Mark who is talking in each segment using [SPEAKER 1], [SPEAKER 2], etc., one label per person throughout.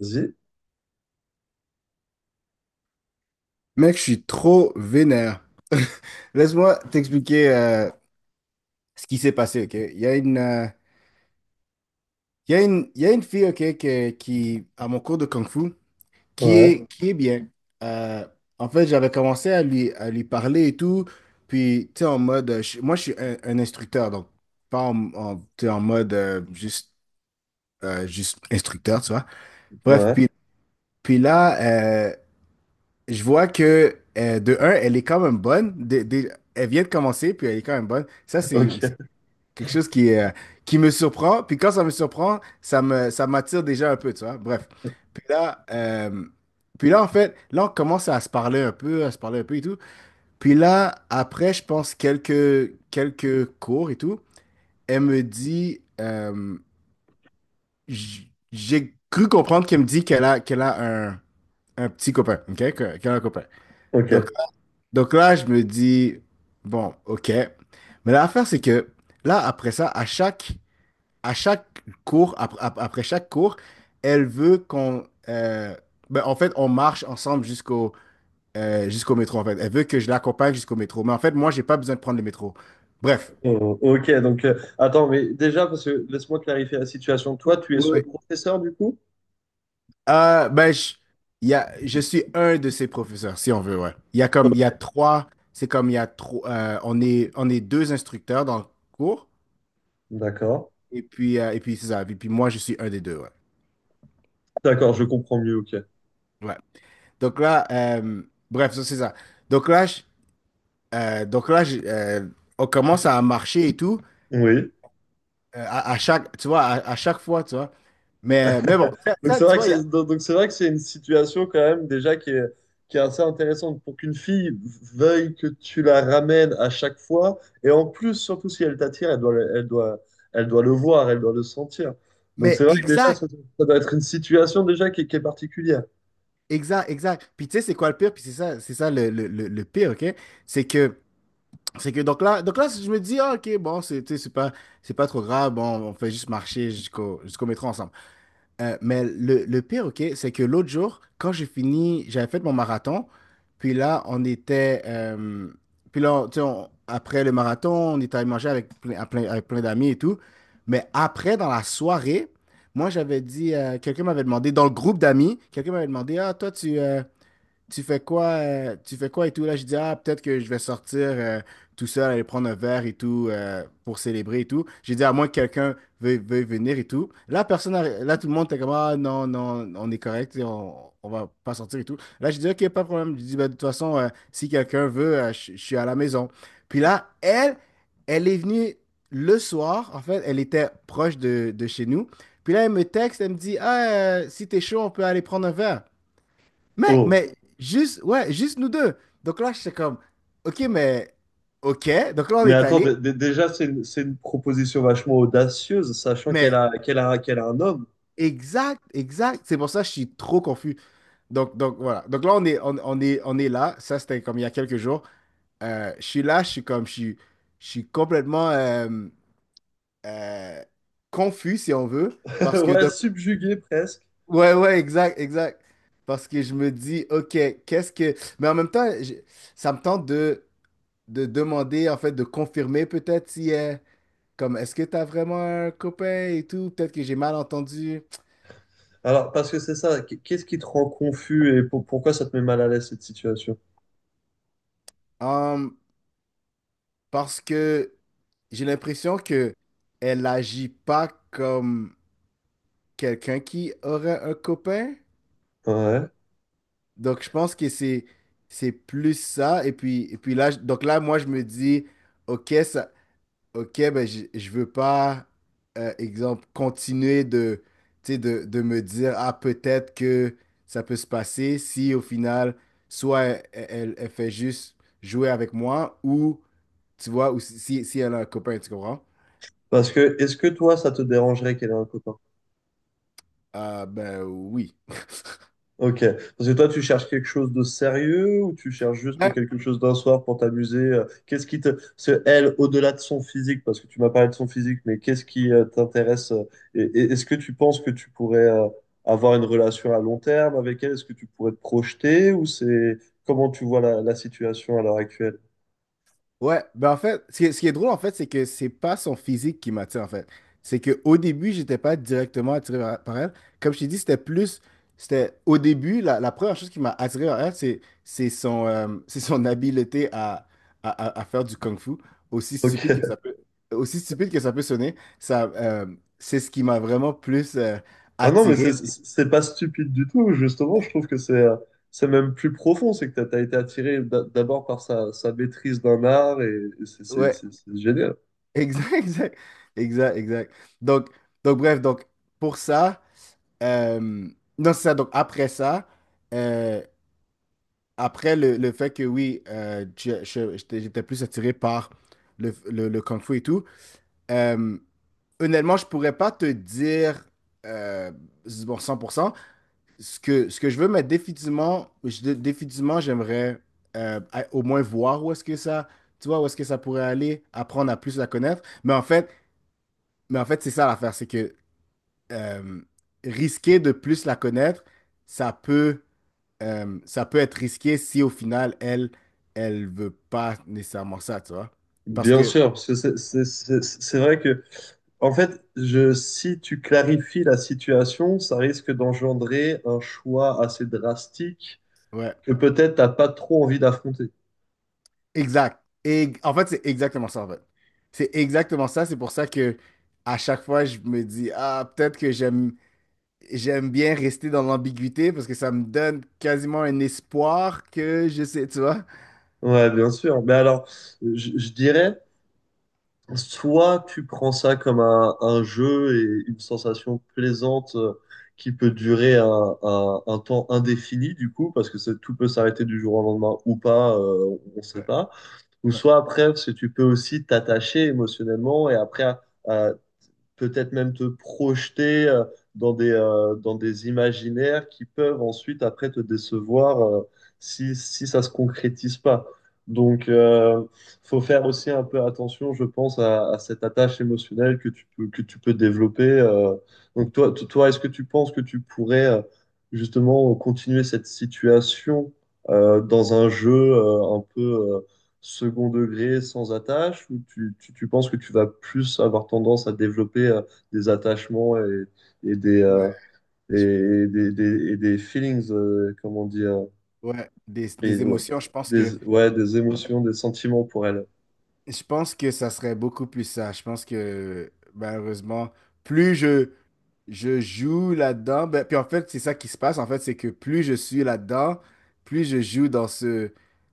[SPEAKER 1] Vas-y.
[SPEAKER 2] Mec, je suis trop vénère. Laisse-moi t'expliquer ce qui s'est passé, ok? Il y a une, il y a une, il y a une fille, ok, qui, à mon cours de Kung Fu, qui
[SPEAKER 1] Ouais,
[SPEAKER 2] est, qui est bien. Euh, en fait, j'avais commencé à lui parler et tout. Puis, tu sais, en mode, moi, je suis un instructeur, donc pas tu sais, en mode juste, juste instructeur, tu vois? Bref,
[SPEAKER 1] ouais,
[SPEAKER 2] puis là, euh, je vois que, de un, elle est quand même bonne. Elle vient de commencer, puis elle est quand même bonne. Ça, c'est
[SPEAKER 1] ok,
[SPEAKER 2] quelque chose qui me surprend. Puis quand ça me surprend, ça m'attire déjà un peu, tu vois. Bref. Puis là, euh, puis là, en fait, là, on commence à se parler un peu et tout. Puis là, après, je pense quelques cours et tout, elle me dit, j'ai cru comprendre qu'elle me dit qu'elle a un petit copain, OK? Qu'elle a un copain.
[SPEAKER 1] ok.
[SPEAKER 2] Donc, donc là, je me dis, bon, OK. Mais l'affaire, c'est que là, après ça, à chaque cours, après chaque cours, elle veut ben, en fait, on marche ensemble jusqu'au métro, en fait. Elle veut que je l'accompagne jusqu'au métro. Mais en fait, moi, j'ai pas besoin de prendre le métro. Bref.
[SPEAKER 1] Oh, ok. Donc, attends, mais déjà, parce que laisse-moi clarifier la situation. Toi, tu es
[SPEAKER 2] Oui,
[SPEAKER 1] son
[SPEAKER 2] oui.
[SPEAKER 1] professeur du coup?
[SPEAKER 2] Ben, je, il y a, je suis un de ses professeurs, si on veut, ouais. Il y a comme, il y a trois. C'est comme il y a trois. On est deux instructeurs dans le cours.
[SPEAKER 1] D'accord,
[SPEAKER 2] Et puis c'est ça. Et puis moi, je suis un des deux, ouais.
[SPEAKER 1] d'accord, je comprends mieux, ok.
[SPEAKER 2] Ouais. Donc là, bref, ça, c'est ça. Donc là, donc là, on commence à marcher et tout,
[SPEAKER 1] Oui.
[SPEAKER 2] à chaque, tu vois, à chaque fois, tu vois. Mais bon, ça,
[SPEAKER 1] Donc
[SPEAKER 2] ça,
[SPEAKER 1] c'est
[SPEAKER 2] tu
[SPEAKER 1] vrai que
[SPEAKER 2] vois, il y a.
[SPEAKER 1] c'est donc c'est vrai que c'est une situation quand même déjà qui est assez intéressante pour qu'une fille veuille que tu la ramènes à chaque fois, et en plus surtout si elle t'attire, elle doit le voir, elle doit le sentir. Donc c'est
[SPEAKER 2] Mais
[SPEAKER 1] vrai que déjà
[SPEAKER 2] exact,
[SPEAKER 1] ça, ça doit être une situation déjà qui est particulière.
[SPEAKER 2] exact, exact. Puis tu sais, c'est quoi le pire? Puis c'est ça le pire, OK? C'est que, c'est que, donc là, je me dis, ah, OK, bon, tu sais, c'est pas trop grave, bon, on fait juste marcher jusqu'au métro ensemble. Mais le pire, OK, c'est que l'autre jour, quand j'ai fini, j'avais fait mon marathon, puis là, puis là, tu sais, après le marathon, on était allé manger avec plein d'amis et tout. Mais après, dans la soirée, moi, quelqu'un m'avait demandé, dans le groupe d'amis, «Ah, toi, tu fais quoi et tout. Là, je dis, ah, peut-être que je vais sortir tout seul, aller prendre un verre et tout pour célébrer et tout. J'ai dit, à moins que quelqu'un veuille venir et tout. Là, tout le monde était comme, ah, non, non, on est correct, tu sais, on va pas sortir et tout. Là, je dis, ok, pas de problème. Je dis, ben, de toute façon, si quelqu'un veut, je suis à la maison. Puis là, elle est venue le soir, en fait, elle était proche de chez nous. Puis là, elle me texte, elle me dit, ah, si t'es chaud, on peut aller prendre un verre. Mec,
[SPEAKER 1] Oh.
[SPEAKER 2] mais juste, ouais, juste nous deux. Donc là, j'étais comme, OK, mais OK. Donc là, on
[SPEAKER 1] Mais
[SPEAKER 2] est
[SPEAKER 1] attends,
[SPEAKER 2] allé,
[SPEAKER 1] déjà, c'est une proposition vachement audacieuse, sachant
[SPEAKER 2] mais
[SPEAKER 1] qu'elle a un homme.
[SPEAKER 2] exact, exact. C'est pour ça que je suis trop confus. Donc, voilà. Donc là, on est là. Ça, c'était comme il y a quelques jours. Je suis là, je suis comme, je suis complètement euh, confus, si on veut. Parce que,
[SPEAKER 1] Ouais,
[SPEAKER 2] donc,
[SPEAKER 1] subjugué presque.
[SPEAKER 2] ouais, ouais, exact, exact. Parce que je me dis, OK, qu'est-ce que. Mais en même temps, ça me tente de. De demander, en fait, de confirmer peut-être si, comme, est-ce que t'as vraiment un copain et tout? Peut-être que j'ai mal entendu.
[SPEAKER 1] Alors, parce que c'est ça, qu'est-ce qui te rend confus, et pourquoi ça te met mal à l'aise cette situation?
[SPEAKER 2] Hum, parce que j'ai l'impression que elle agit pas comme quelqu'un qui aurait un copain.
[SPEAKER 1] Ouais.
[SPEAKER 2] Donc, je pense que c'est plus ça. Et puis là, donc là, moi, je me dis, OK, ça, OK, ben je veux pas, exemple, continuer de, tu sais, de me dire, ah, peut-être que ça peut se passer si au final, soit elle, elle fait juste jouer avec moi ou, tu vois, ou si elle a un copain, tu comprends?
[SPEAKER 1] Parce que, est-ce que toi, ça te dérangerait qu'elle ait un copain?
[SPEAKER 2] Ah, ben oui.
[SPEAKER 1] Ok. Parce que toi, tu cherches quelque chose de sérieux, ou tu cherches juste
[SPEAKER 2] Ben,
[SPEAKER 1] quelque chose d'un soir pour t'amuser? Qu'est-ce qui te... c'est elle, au-delà de son physique, parce que tu m'as parlé de son physique, mais qu'est-ce qui t'intéresse? Est-ce que tu penses que tu pourrais avoir une relation à long terme avec elle? Est-ce que tu pourrais te projeter, ou c'est... Comment tu vois la, la situation à l'heure actuelle?
[SPEAKER 2] ouais, ben en fait, ce qui est drôle en fait, c'est que c'est pas son physique qui m'attire en fait. C'est que au début, j'étais pas directement attiré par elle. Comme je t'ai dit, c'était au début, la première chose qui m'a attiré par elle, c'est son c'est son habileté à faire du kung-fu, aussi stupide que ça
[SPEAKER 1] Ok.
[SPEAKER 2] peut aussi stupide que ça peut sonner, ça c'est ce qui m'a vraiment plus
[SPEAKER 1] Ah non, mais
[SPEAKER 2] attiré.
[SPEAKER 1] c'est pas stupide du tout. Justement, je trouve que c'est même plus profond. C'est que t'as été attiré d'abord par sa, sa maîtrise d'un art, et
[SPEAKER 2] Ouais,
[SPEAKER 1] c'est génial.
[SPEAKER 2] exact, exact, exact, exact. Donc donc bref, donc pour ça. Euh, non, c'est ça. Donc, après ça, euh, après le fait que oui, j'étais plus attiré par le Kung Fu et tout, euh, honnêtement, je pourrais pas te dire euh, bon, 100% ce que je veux, mais définitivement j'aimerais au moins voir où est-ce que ça, tu vois, où est-ce que ça pourrait aller, apprendre à plus la connaître. Mais en fait, c'est ça l'affaire, c'est que euh, risquer de plus la connaître, ça peut. Ça peut être risqué si au final, elle, elle veut pas nécessairement ça, tu vois. Parce
[SPEAKER 1] Bien
[SPEAKER 2] que,
[SPEAKER 1] sûr, parce que c'est vrai que, en fait, je, si tu clarifies la situation, ça risque d'engendrer un choix assez drastique
[SPEAKER 2] ouais,
[SPEAKER 1] que peut-être t'as pas trop envie d'affronter.
[SPEAKER 2] exact. Et en fait, c'est exactement ça, en fait. C'est exactement ça. C'est pour ça que à chaque fois, je me dis, ah, peut-être que j'aime bien rester dans l'ambiguïté parce que ça me donne quasiment un espoir que je sais, tu vois.
[SPEAKER 1] Ouais, bien sûr. Mais alors, je dirais. Soit tu prends ça comme un jeu et une sensation plaisante qui peut durer un, un temps indéfini, du coup, parce que c'est- tout peut s'arrêter du jour au lendemain ou pas, on ne sait
[SPEAKER 2] Ouais,
[SPEAKER 1] pas. Ou
[SPEAKER 2] ouais,
[SPEAKER 1] soit après, parce que tu peux aussi t'attacher émotionnellement et après peut-être même te projeter dans des imaginaires qui peuvent ensuite après te décevoir si, si ça se concrétise pas. Donc, faut faire aussi un peu attention, je pense, à cette attache émotionnelle que tu peux développer. Donc, toi, toi, est-ce que tu penses que tu pourrais justement continuer cette situation dans un jeu un peu second degré sans attache, ou tu penses que tu vas plus avoir tendance à développer des attachements et des,
[SPEAKER 2] ouais.
[SPEAKER 1] euh,
[SPEAKER 2] je-
[SPEAKER 1] et, des, et des feelings, comment on dit,
[SPEAKER 2] ouais.
[SPEAKER 1] et,
[SPEAKER 2] Des émotions, je pense que
[SPEAKER 1] ouais, des émotions, des sentiments pour elle.
[SPEAKER 2] ça serait beaucoup plus ça. Je pense que malheureusement, plus je joue là-dedans. Ben, puis en fait, c'est ça qui se passe. En fait, c'est que plus je suis là-dedans, plus je joue dans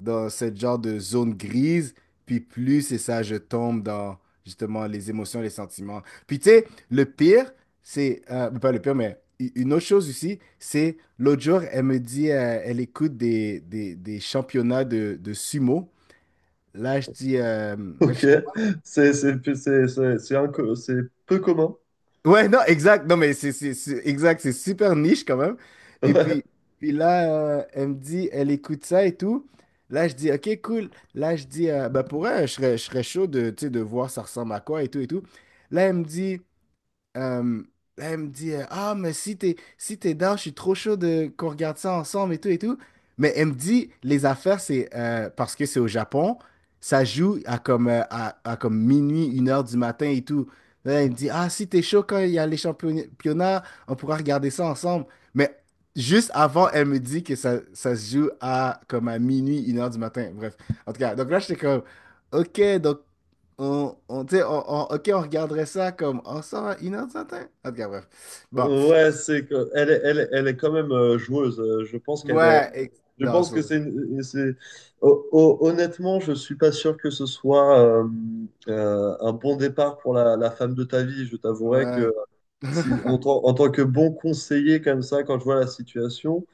[SPEAKER 2] dans cette genre de zone grise, puis plus c'est ça, je tombe dans justement les émotions, les sentiments. Puis tu sais, le pire, ben, pas le pire, mais une autre chose aussi, c'est l'autre jour, elle me dit, elle écoute des championnats de sumo. Là, je dis. Là,
[SPEAKER 1] Ok,
[SPEAKER 2] je
[SPEAKER 1] c'est c'est peu commun.
[SPEAKER 2] Ouais, non, exact. Non, mais c'est exact. C'est super niche quand même. Et puis, puis là, euh, elle me dit, elle écoute ça et tout. Là, je dis, OK, cool. Là, je dis, bah, pour elle, je serais chaud de, tu sais, de voir ça ressemble à quoi et tout et tout. Là, euh, elle me dit, Ah, mais si t'es down, je suis trop chaud de qu'on regarde ça ensemble et tout et tout. Mais elle me dit les affaires, c'est parce que c'est au Japon, ça joue à comme, à comme minuit, une heure du matin et tout. Là, elle me dit Ah, si t'es chaud quand il y a les championnats, on pourra regarder ça ensemble. Mais juste avant, elle me dit que ça se joue à comme à minuit, une heure du matin. Bref, en tout cas, donc là, j'étais comme Ok, donc tu sais, ok, on regarderait ça comme oh ça une heure du matin? En tout cas, bref. Bon.
[SPEAKER 1] Ouais, ouais, c'est que elle est quand même joueuse. Je pense qu'elle est.
[SPEAKER 2] Ouais,
[SPEAKER 1] Je
[SPEAKER 2] non,
[SPEAKER 1] pense que c'est
[SPEAKER 2] ça.
[SPEAKER 1] c'est- honnêtement, je suis pas sûr que ce soit un bon départ pour la, la femme de ta vie. Je t'avouerai
[SPEAKER 2] Ouais.
[SPEAKER 1] que si, en tant que bon conseiller comme ça, quand je vois la situation,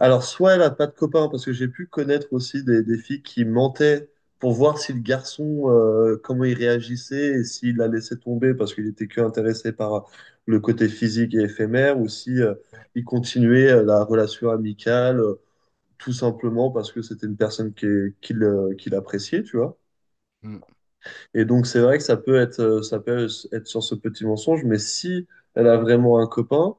[SPEAKER 1] alors soit elle a pas de copain, parce que j'ai pu connaître aussi des filles qui mentaient pour voir si le garçon comment il réagissait, et s'il la laissait tomber parce qu'il était que intéressé par le côté physique et éphémère, ou si il continuait la relation amicale, tout simplement parce que c'était une personne qui, qui l'appréciait, tu vois.
[SPEAKER 2] Hmm.
[SPEAKER 1] Et donc, c'est vrai que ça peut être sur ce petit mensonge, mais si elle a vraiment un copain,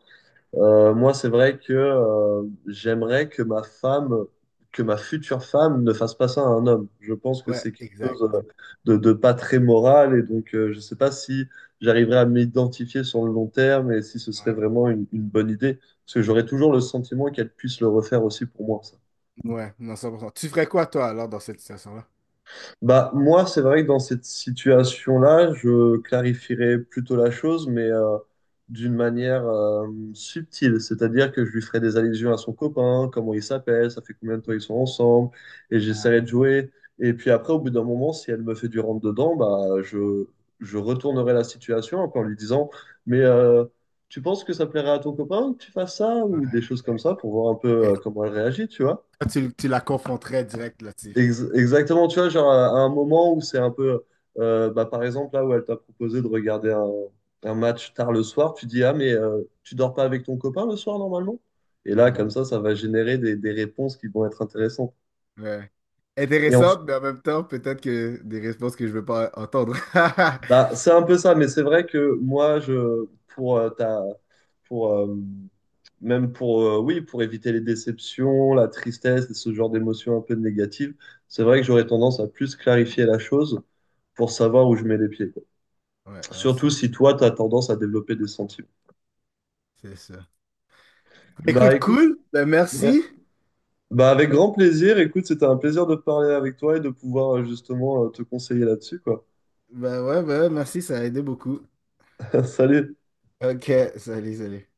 [SPEAKER 1] moi, c'est vrai que j'aimerais que ma femme, que ma future femme ne fasse pas ça à un homme. Je pense que
[SPEAKER 2] Ouais,
[SPEAKER 1] c'est quelque
[SPEAKER 2] exact.
[SPEAKER 1] chose de pas très moral, et donc, je sais pas si j'arriverais à m'identifier sur le long terme, et si ce serait
[SPEAKER 2] Ouais,
[SPEAKER 1] vraiment une bonne idée, parce que j'aurais toujours le sentiment qu'elle puisse le refaire aussi pour moi.
[SPEAKER 2] ouais, non, 100%. Tu ferais quoi, toi, alors, dans cette situation-là?
[SPEAKER 1] Bah, moi, c'est vrai que dans cette situation-là, je clarifierais plutôt la chose, mais d'une manière subtile. C'est-à-dire que je lui ferais des allusions à son copain, comment il s'appelle, ça fait combien de temps ils sont ensemble, et
[SPEAKER 2] Ah,
[SPEAKER 1] j'essaierai de jouer. Et puis après, au bout d'un moment, si elle me fait du rentre-dedans, bah, je retournerai la situation en lui disant, mais tu penses que ça plairait à ton copain que tu fasses ça, ou des
[SPEAKER 2] ouais,
[SPEAKER 1] choses comme ça, pour voir un
[SPEAKER 2] ok.
[SPEAKER 1] peu
[SPEAKER 2] Ok.
[SPEAKER 1] comment elle réagit, tu vois.
[SPEAKER 2] Toi, tu la confronterais direct là-dessus.
[SPEAKER 1] Exactement, tu vois, genre à un moment où c'est un peu, bah, par exemple, là où elle t'a proposé de regarder un match tard le soir, tu dis, ah, mais tu dors pas avec ton copain le soir normalement? Et là,
[SPEAKER 2] Hmm.
[SPEAKER 1] comme ça va générer des réponses qui vont être intéressantes.
[SPEAKER 2] Ouais.
[SPEAKER 1] Et ensuite,
[SPEAKER 2] Intéressante, mais en même temps, peut-être que des réponses que je veux pas entendre.
[SPEAKER 1] bah, c'est un peu ça, mais c'est vrai que moi, je, pour, ta, pour, même pour, oui, pour éviter les déceptions, la tristesse et ce genre d'émotions un peu négatives, c'est vrai que j'aurais tendance à plus clarifier la chose pour savoir où je mets les pieds.
[SPEAKER 2] Ouais, non, c'est
[SPEAKER 1] Surtout
[SPEAKER 2] ça.
[SPEAKER 1] si toi, tu as tendance à développer des sentiments.
[SPEAKER 2] C'est ça.
[SPEAKER 1] Bah
[SPEAKER 2] Écoute,
[SPEAKER 1] écoute,
[SPEAKER 2] cool. Ben,
[SPEAKER 1] ouais.
[SPEAKER 2] merci.
[SPEAKER 1] Bah, avec grand plaisir. Écoute, c'était un plaisir de parler avec toi et de pouvoir justement te conseiller là-dessus, quoi.
[SPEAKER 2] Bah ouais, merci, ça a aidé beaucoup.
[SPEAKER 1] Salut.
[SPEAKER 2] Ok, salut, salut.